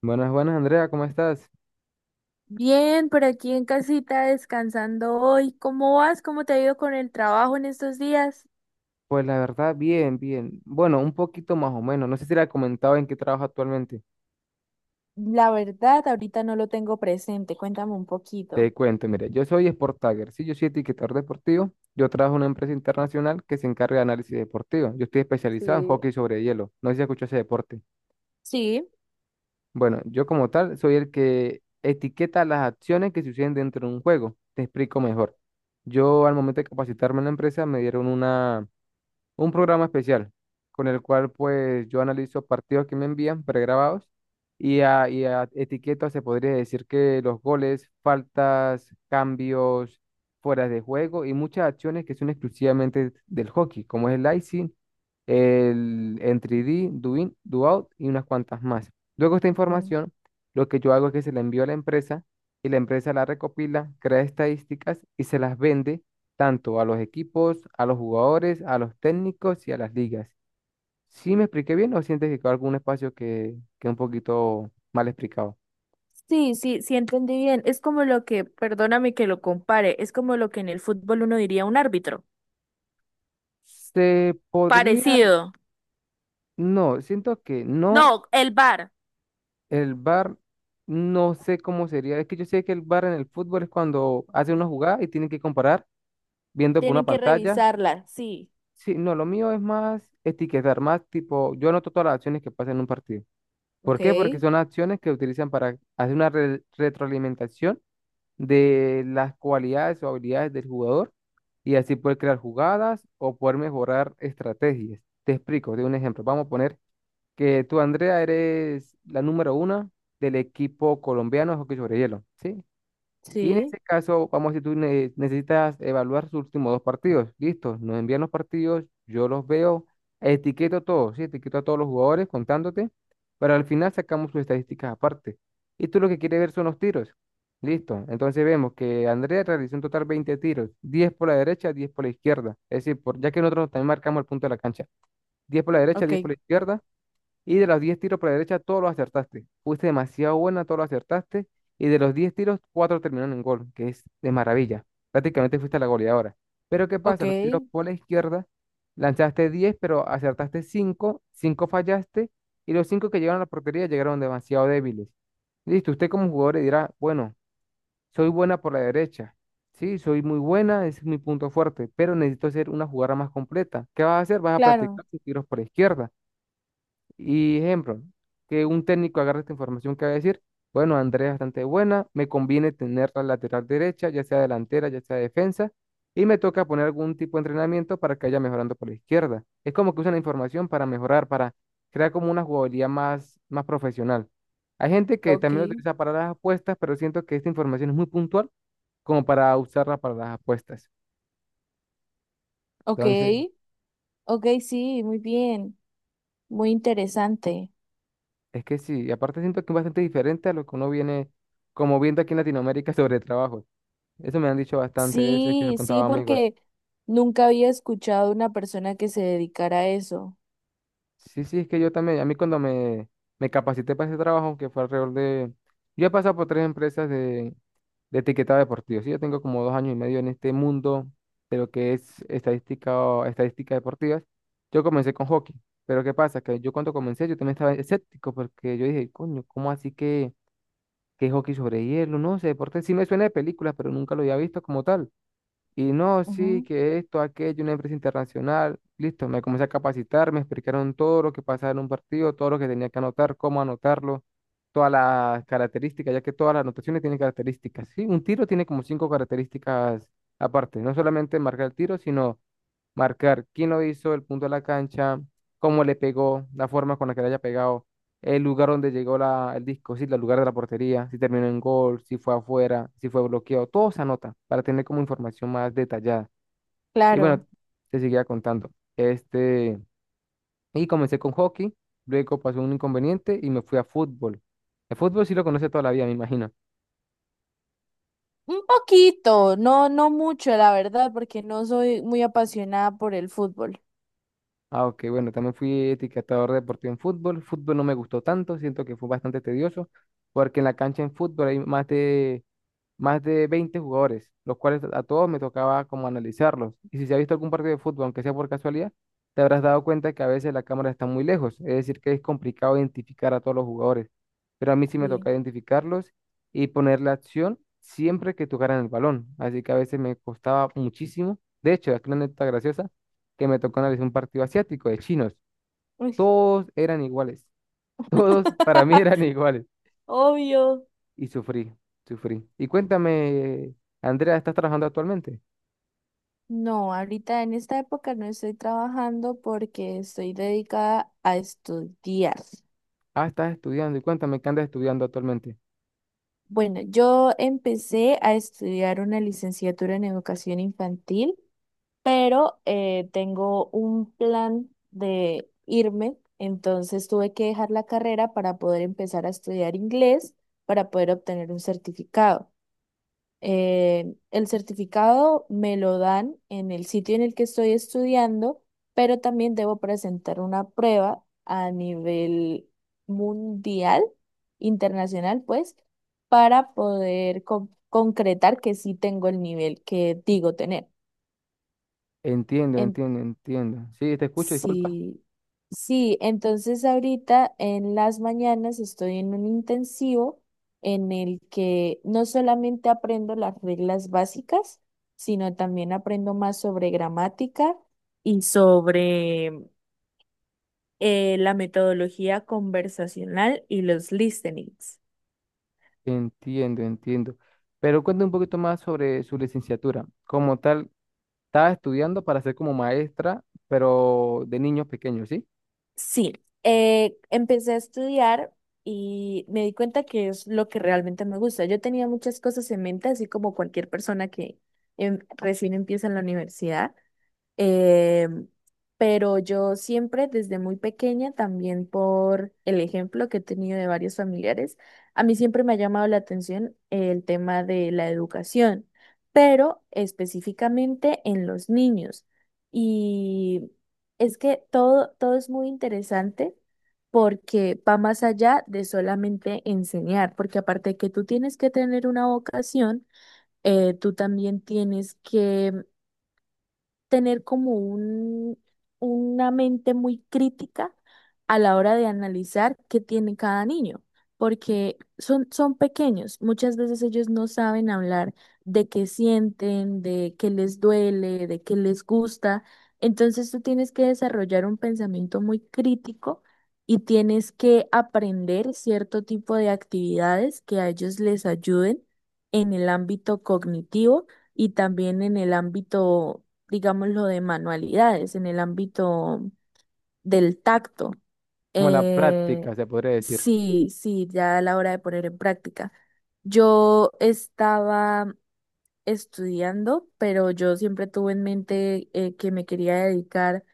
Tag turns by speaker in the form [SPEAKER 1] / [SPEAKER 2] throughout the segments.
[SPEAKER 1] Buenas, buenas, Andrea, ¿cómo estás?
[SPEAKER 2] Bien, por aquí en casita descansando hoy. ¿Cómo vas? ¿Cómo te ha ido con el trabajo en estos días?
[SPEAKER 1] Pues la verdad, bien, bien. Bueno, un poquito más o menos. No sé si le he comentado en qué trabajo actualmente.
[SPEAKER 2] La verdad, ahorita no lo tengo presente. Cuéntame un poquito.
[SPEAKER 1] Te cuento, mire yo soy Sport Tagger, sí, yo soy etiquetador deportivo. Yo trabajo en una empresa internacional que se encarga de análisis deportivo. Yo estoy especializado en
[SPEAKER 2] Sí.
[SPEAKER 1] hockey sobre hielo. No sé si escuchó ese deporte.
[SPEAKER 2] Sí.
[SPEAKER 1] Bueno, yo como tal soy el que etiqueta las acciones que suceden dentro de un juego. Te explico mejor. Yo al momento de capacitarme en la empresa me dieron una un programa especial con el cual pues yo analizo partidos que me envían pregrabados y a etiquetas se podría decir que los goles, faltas, cambios, fueras de juego y muchas acciones que son exclusivamente del hockey, como es el icing, el entry D, do in, do out y unas cuantas más. Luego esta
[SPEAKER 2] Okay.
[SPEAKER 1] información, lo que yo hago es que se la envío a la empresa y la empresa la recopila, crea estadísticas y se las vende tanto a los equipos, a los jugadores, a los técnicos y a las ligas. ¿Sí me expliqué bien o sientes que quedó algún espacio que un poquito mal explicado?
[SPEAKER 2] Sí, entendí bien. Es como perdóname que lo compare, es como lo que en el fútbol uno diría un árbitro.
[SPEAKER 1] Se podría,
[SPEAKER 2] Parecido.
[SPEAKER 1] no, siento que no,
[SPEAKER 2] No, el VAR.
[SPEAKER 1] el VAR, no sé cómo sería. Es que yo sé que el VAR en el fútbol es cuando hace una jugada y tienen que comparar viendo por una
[SPEAKER 2] Tienen que
[SPEAKER 1] pantalla.
[SPEAKER 2] revisarla, sí.
[SPEAKER 1] Sí, no, lo mío es más etiquetar, más tipo, yo anoto todas las acciones que pasan en un partido. ¿Por
[SPEAKER 2] Ok.
[SPEAKER 1] qué? Porque son acciones que utilizan para hacer una retroalimentación de las cualidades o habilidades del jugador y así poder crear jugadas o poder mejorar estrategias. Te explico, te doy un ejemplo. Vamos a poner que tú, Andrea, eres la número una del equipo colombiano de hockey sobre hielo, ¿sí? Y en
[SPEAKER 2] Sí.
[SPEAKER 1] ese caso, vamos a decir, necesitas evaluar sus últimos dos partidos. Listo, nos envían los partidos, yo los veo, etiqueto a todos, sí, etiqueto a todos los jugadores contándote, pero al final sacamos sus estadísticas aparte. Y tú lo que quieres ver son los tiros. Listo, entonces vemos que Andrea realizó en total 20 tiros, 10 por la derecha, 10 por la izquierda. Es decir, por, ya que nosotros también marcamos el punto de la cancha, 10 por la derecha,
[SPEAKER 2] Ok.
[SPEAKER 1] 10 por la izquierda, y de los 10 tiros por la derecha, todos los acertaste. Fuiste demasiado buena, todos los acertaste. Y de los 10 tiros, 4 terminaron en gol, que es de maravilla. Prácticamente fuiste la goleadora. Pero ¿qué
[SPEAKER 2] Ok.
[SPEAKER 1] pasa? Los tiros por la izquierda, lanzaste 10 pero acertaste cinco, 5 fallaste. Y los 5 que llegaron a la portería llegaron demasiado débiles. Listo, usted como jugador le dirá, bueno, soy buena por la derecha. Sí, soy muy buena, ese es mi punto fuerte, pero necesito hacer una jugada más completa. ¿Qué vas a hacer? Vas a
[SPEAKER 2] Claro.
[SPEAKER 1] practicar tus tiros por la izquierda. Y ejemplo, que un técnico agarre esta información que va a decir, bueno, Andrea es bastante buena, me conviene tener la lateral derecha, ya sea delantera, ya sea defensa, y me toca poner algún tipo de entrenamiento para que vaya mejorando por la izquierda. Es como que usan la información para mejorar, para crear como una jugabilidad más, más profesional. Hay gente que
[SPEAKER 2] Ok,
[SPEAKER 1] también lo utiliza para las apuestas, pero siento que esta información es muy puntual como para usarla para las apuestas.
[SPEAKER 2] ok,
[SPEAKER 1] Entonces,
[SPEAKER 2] ok, sí, muy bien. Muy interesante.
[SPEAKER 1] es que sí, y aparte siento que es bastante diferente a lo que uno viene como viendo aquí en Latinoamérica sobre trabajos. Eso me han dicho bastante veces que se
[SPEAKER 2] Sí,
[SPEAKER 1] lo
[SPEAKER 2] sí,
[SPEAKER 1] contaba a amigos.
[SPEAKER 2] porque nunca había escuchado una persona que se dedicara a eso.
[SPEAKER 1] Sí, sí, es que yo también, a mí cuando me capacité para ese trabajo, que fue alrededor de... Yo he pasado por tres empresas de etiquetado deportivo, sí, yo tengo como 2 años y medio en este mundo de lo que es estadística o estadísticas deportivas. Yo comencé con hockey, pero ¿qué pasa? Que yo cuando comencé yo también estaba escéptico porque yo dije, coño, ¿cómo así que hockey sobre hielo? No sé, deporte sí me suena de películas, pero nunca lo había visto como tal. Y no, sí,
[SPEAKER 2] Ujú.
[SPEAKER 1] que esto, aquello, una empresa internacional. Listo, me comencé a capacitar, me explicaron todo lo que pasaba en un partido, todo lo que tenía que anotar, cómo anotarlo, todas las características, ya que todas las anotaciones tienen características. Sí, un tiro tiene como cinco características aparte, no solamente marcar el tiro, sino marcar quién lo hizo, el punto de la cancha, cómo le pegó, la forma con la que le haya pegado, el lugar donde llegó la, el disco, sí, el lugar de la portería, si terminó en gol, si fue afuera, si fue bloqueado, todo se anota para tener como información más detallada. Y bueno,
[SPEAKER 2] Claro.
[SPEAKER 1] te seguía contando. Este, y comencé con hockey, luego pasó un inconveniente y me fui a fútbol. El fútbol sí lo conoce toda la vida, me imagino.
[SPEAKER 2] Un poquito, no, no mucho, la verdad, porque no soy muy apasionada por el fútbol.
[SPEAKER 1] Ah, ok, bueno, también fui etiquetador deportivo en fútbol. Fútbol no me gustó tanto, siento que fue bastante tedioso, porque en la cancha en fútbol hay más de 20 jugadores, los cuales a todos me tocaba como analizarlos. Y si se ha visto algún partido de fútbol, aunque sea por casualidad, te habrás dado cuenta que a veces la cámara está muy lejos, es decir, que es complicado identificar a todos los jugadores. Pero a mí sí me
[SPEAKER 2] Sí.
[SPEAKER 1] toca identificarlos y poner la acción siempre que tocaran el balón. Así que a veces me costaba muchísimo. De hecho, aquí una anécdota graciosa que me tocó analizar un partido asiático de chinos.
[SPEAKER 2] Uy.
[SPEAKER 1] Todos eran iguales. Todos para mí eran iguales.
[SPEAKER 2] Obvio.
[SPEAKER 1] Y sufrí, sufrí. Y cuéntame, Andrea, ¿estás trabajando actualmente?
[SPEAKER 2] No, ahorita en esta época no estoy trabajando porque estoy dedicada a estudiar.
[SPEAKER 1] Ah, estás estudiando. Y cuéntame, ¿qué andas estudiando actualmente?
[SPEAKER 2] Bueno, yo empecé a estudiar una licenciatura en educación infantil, pero tengo un plan de irme, entonces tuve que dejar la carrera para poder empezar a estudiar inglés, para poder obtener un certificado. El certificado me lo dan en el sitio en el que estoy estudiando, pero también debo presentar una prueba a nivel mundial, internacional, pues, para poder concretar que sí tengo el nivel que digo tener.
[SPEAKER 1] Entiendo, entiendo, entiendo. Sí, te escucho, disculpa.
[SPEAKER 2] Sí, sí, entonces ahorita en las mañanas estoy en un intensivo en el que no solamente aprendo las reglas básicas, sino también aprendo más sobre gramática y sobre la metodología conversacional y los listenings.
[SPEAKER 1] Entiendo, entiendo. Pero cuéntame un poquito más sobre su licenciatura. Como tal, estaba estudiando para ser como maestra, pero de niños pequeños, ¿sí?
[SPEAKER 2] Sí, empecé a estudiar y me di cuenta que es lo que realmente me gusta. Yo tenía muchas cosas en mente, así como cualquier persona que recién empieza en la universidad, eh, pero yo siempre, desde muy pequeña, también por el ejemplo que he tenido de varios familiares, a mí siempre me ha llamado la atención el tema de la educación, pero específicamente en los niños. Y es que todo es muy interesante porque va más allá de solamente enseñar, porque aparte de que tú tienes que tener una vocación, tú también tienes que tener una mente muy crítica a la hora de analizar qué tiene cada niño, porque son pequeños, muchas veces ellos no saben hablar de qué sienten, de qué les duele, de qué les gusta, entonces tú tienes que desarrollar un pensamiento muy crítico. Y tienes que aprender cierto tipo de actividades que a ellos les ayuden en el ámbito cognitivo y también en el ámbito, digamos, lo de manualidades en el ámbito del tacto.
[SPEAKER 1] Como la
[SPEAKER 2] Eh,
[SPEAKER 1] práctica, se podría decir.
[SPEAKER 2] sí, sí, ya a la hora de poner en práctica. Yo estaba estudiando, pero yo siempre tuve en mente que me quería dedicar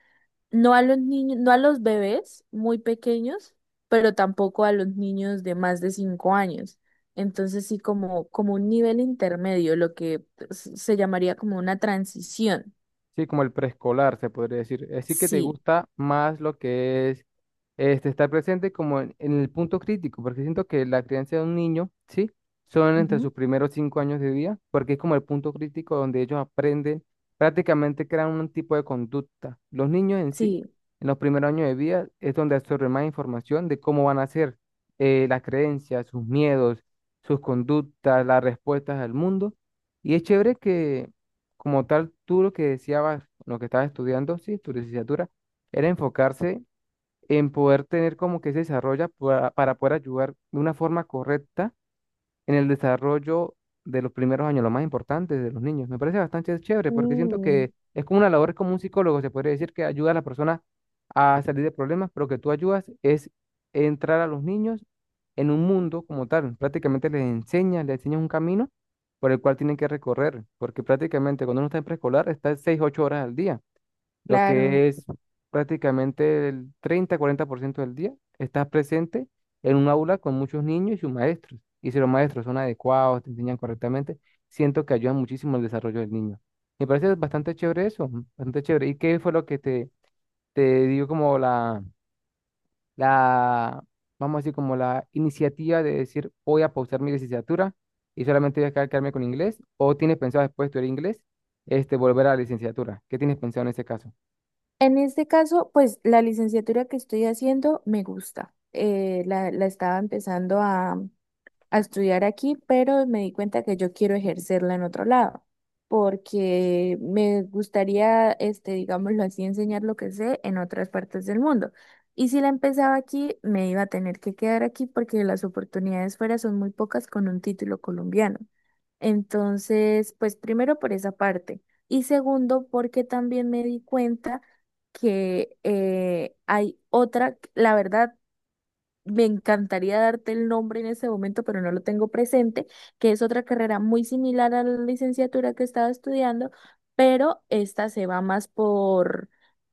[SPEAKER 2] no a los niños, no a los bebés muy pequeños, pero tampoco a los niños de más de 5 años. Entonces sí, como un nivel intermedio, lo que se llamaría como una transición.
[SPEAKER 1] Sí, como el preescolar, se podría decir. Así que te
[SPEAKER 2] Sí.
[SPEAKER 1] gusta más lo que es este, estar presente como en el punto crítico, porque siento que la crianza de un niño, ¿sí? Son entre sus primeros 5 años de vida, porque es como el punto crítico donde ellos aprenden, prácticamente crean un tipo de conducta. Los niños en sí,
[SPEAKER 2] Sí.
[SPEAKER 1] en los primeros años de vida, es donde absorben más información de cómo van a ser las creencias, sus miedos, sus conductas, las respuestas al mundo. Y es chévere que como tal, tú lo que deseabas, lo que estabas estudiando, sí, tu licenciatura, era enfocarse en poder tener como que ese desarrollo para poder ayudar de una forma correcta en el desarrollo de los primeros años, lo más importante de los niños. Me parece bastante chévere porque siento
[SPEAKER 2] Mm,
[SPEAKER 1] que es como una labor, es como un psicólogo, se podría decir que ayuda a las personas a salir de problemas, pero que tú ayudas es entrar a los niños en un mundo como tal. Prácticamente les enseñas un camino por el cual tienen que recorrer, porque prácticamente cuando uno está en preescolar está 6, 8 horas al día lo
[SPEAKER 2] claro.
[SPEAKER 1] que es prácticamente el 30, 40% del día, estás presente en un aula con muchos niños y sus maestros. Y si los maestros son adecuados, te enseñan correctamente, siento que ayudan muchísimo el desarrollo del niño. Me parece bastante chévere eso, bastante chévere. ¿Y qué fue lo que te dio como la, vamos a decir, como la iniciativa de decir, voy a pausar mi licenciatura y solamente voy a quedarme con inglés? ¿O tienes pensado después de estudiar inglés, este, volver a la licenciatura? ¿Qué tienes pensado en ese caso?
[SPEAKER 2] En este caso, pues la licenciatura que estoy haciendo me gusta. La estaba empezando a estudiar aquí, pero me di cuenta que yo quiero ejercerla en otro lado, porque me gustaría, este, digámoslo así, enseñar lo que sé en otras partes del mundo. Y si la empezaba aquí, me iba a tener que quedar aquí porque las oportunidades fuera son muy pocas con un título colombiano. Entonces, pues primero por esa parte. Y segundo, porque también me di cuenta que hay otra, la verdad, me encantaría darte el nombre en ese momento, pero no lo tengo presente, que es otra carrera muy similar a la licenciatura que estaba estudiando, pero esta se va más por,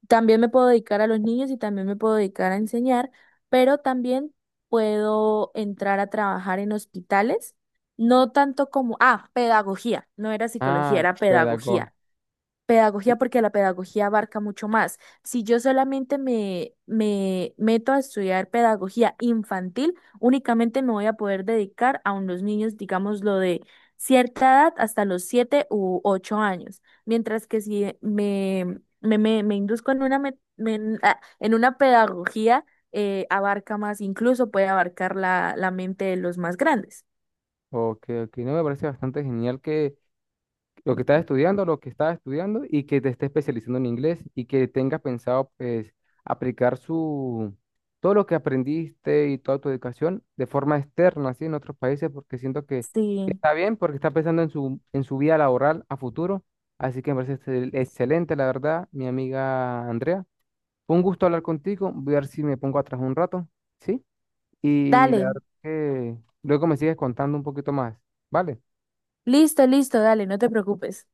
[SPEAKER 2] también me puedo dedicar a los niños y también me puedo dedicar a enseñar, pero también puedo entrar a trabajar en hospitales, no tanto como, ah, pedagogía, no era psicología,
[SPEAKER 1] Ah,
[SPEAKER 2] era
[SPEAKER 1] pedagogo.
[SPEAKER 2] pedagogía. Pedagogía porque la pedagogía abarca mucho más. Si yo solamente me meto a estudiar pedagogía infantil, únicamente me voy a poder dedicar a unos niños, digamos, lo de cierta edad hasta los 7 u 8 años. Mientras que si me induzco en una, me- me- en ah, en una pedagogía, abarca más, incluso puede abarcar la mente de los más grandes.
[SPEAKER 1] Ok, ok. No, me parece bastante genial que lo que estás estudiando, lo que estás estudiando y que te estés especializando en inglés y que tengas pensado, pues, aplicar su, todo lo que aprendiste y toda tu educación de forma externa, así en otros países, porque siento que
[SPEAKER 2] Sí,
[SPEAKER 1] está bien, porque está pensando en su vida laboral a futuro. Así que me parece excelente, la verdad, mi amiga Andrea. Fue un gusto hablar contigo. Voy a ver si me pongo atrás un rato, ¿sí? Y la
[SPEAKER 2] dale,
[SPEAKER 1] verdad que luego me sigues contando un poquito más, ¿vale?
[SPEAKER 2] listo, listo, dale, no te preocupes.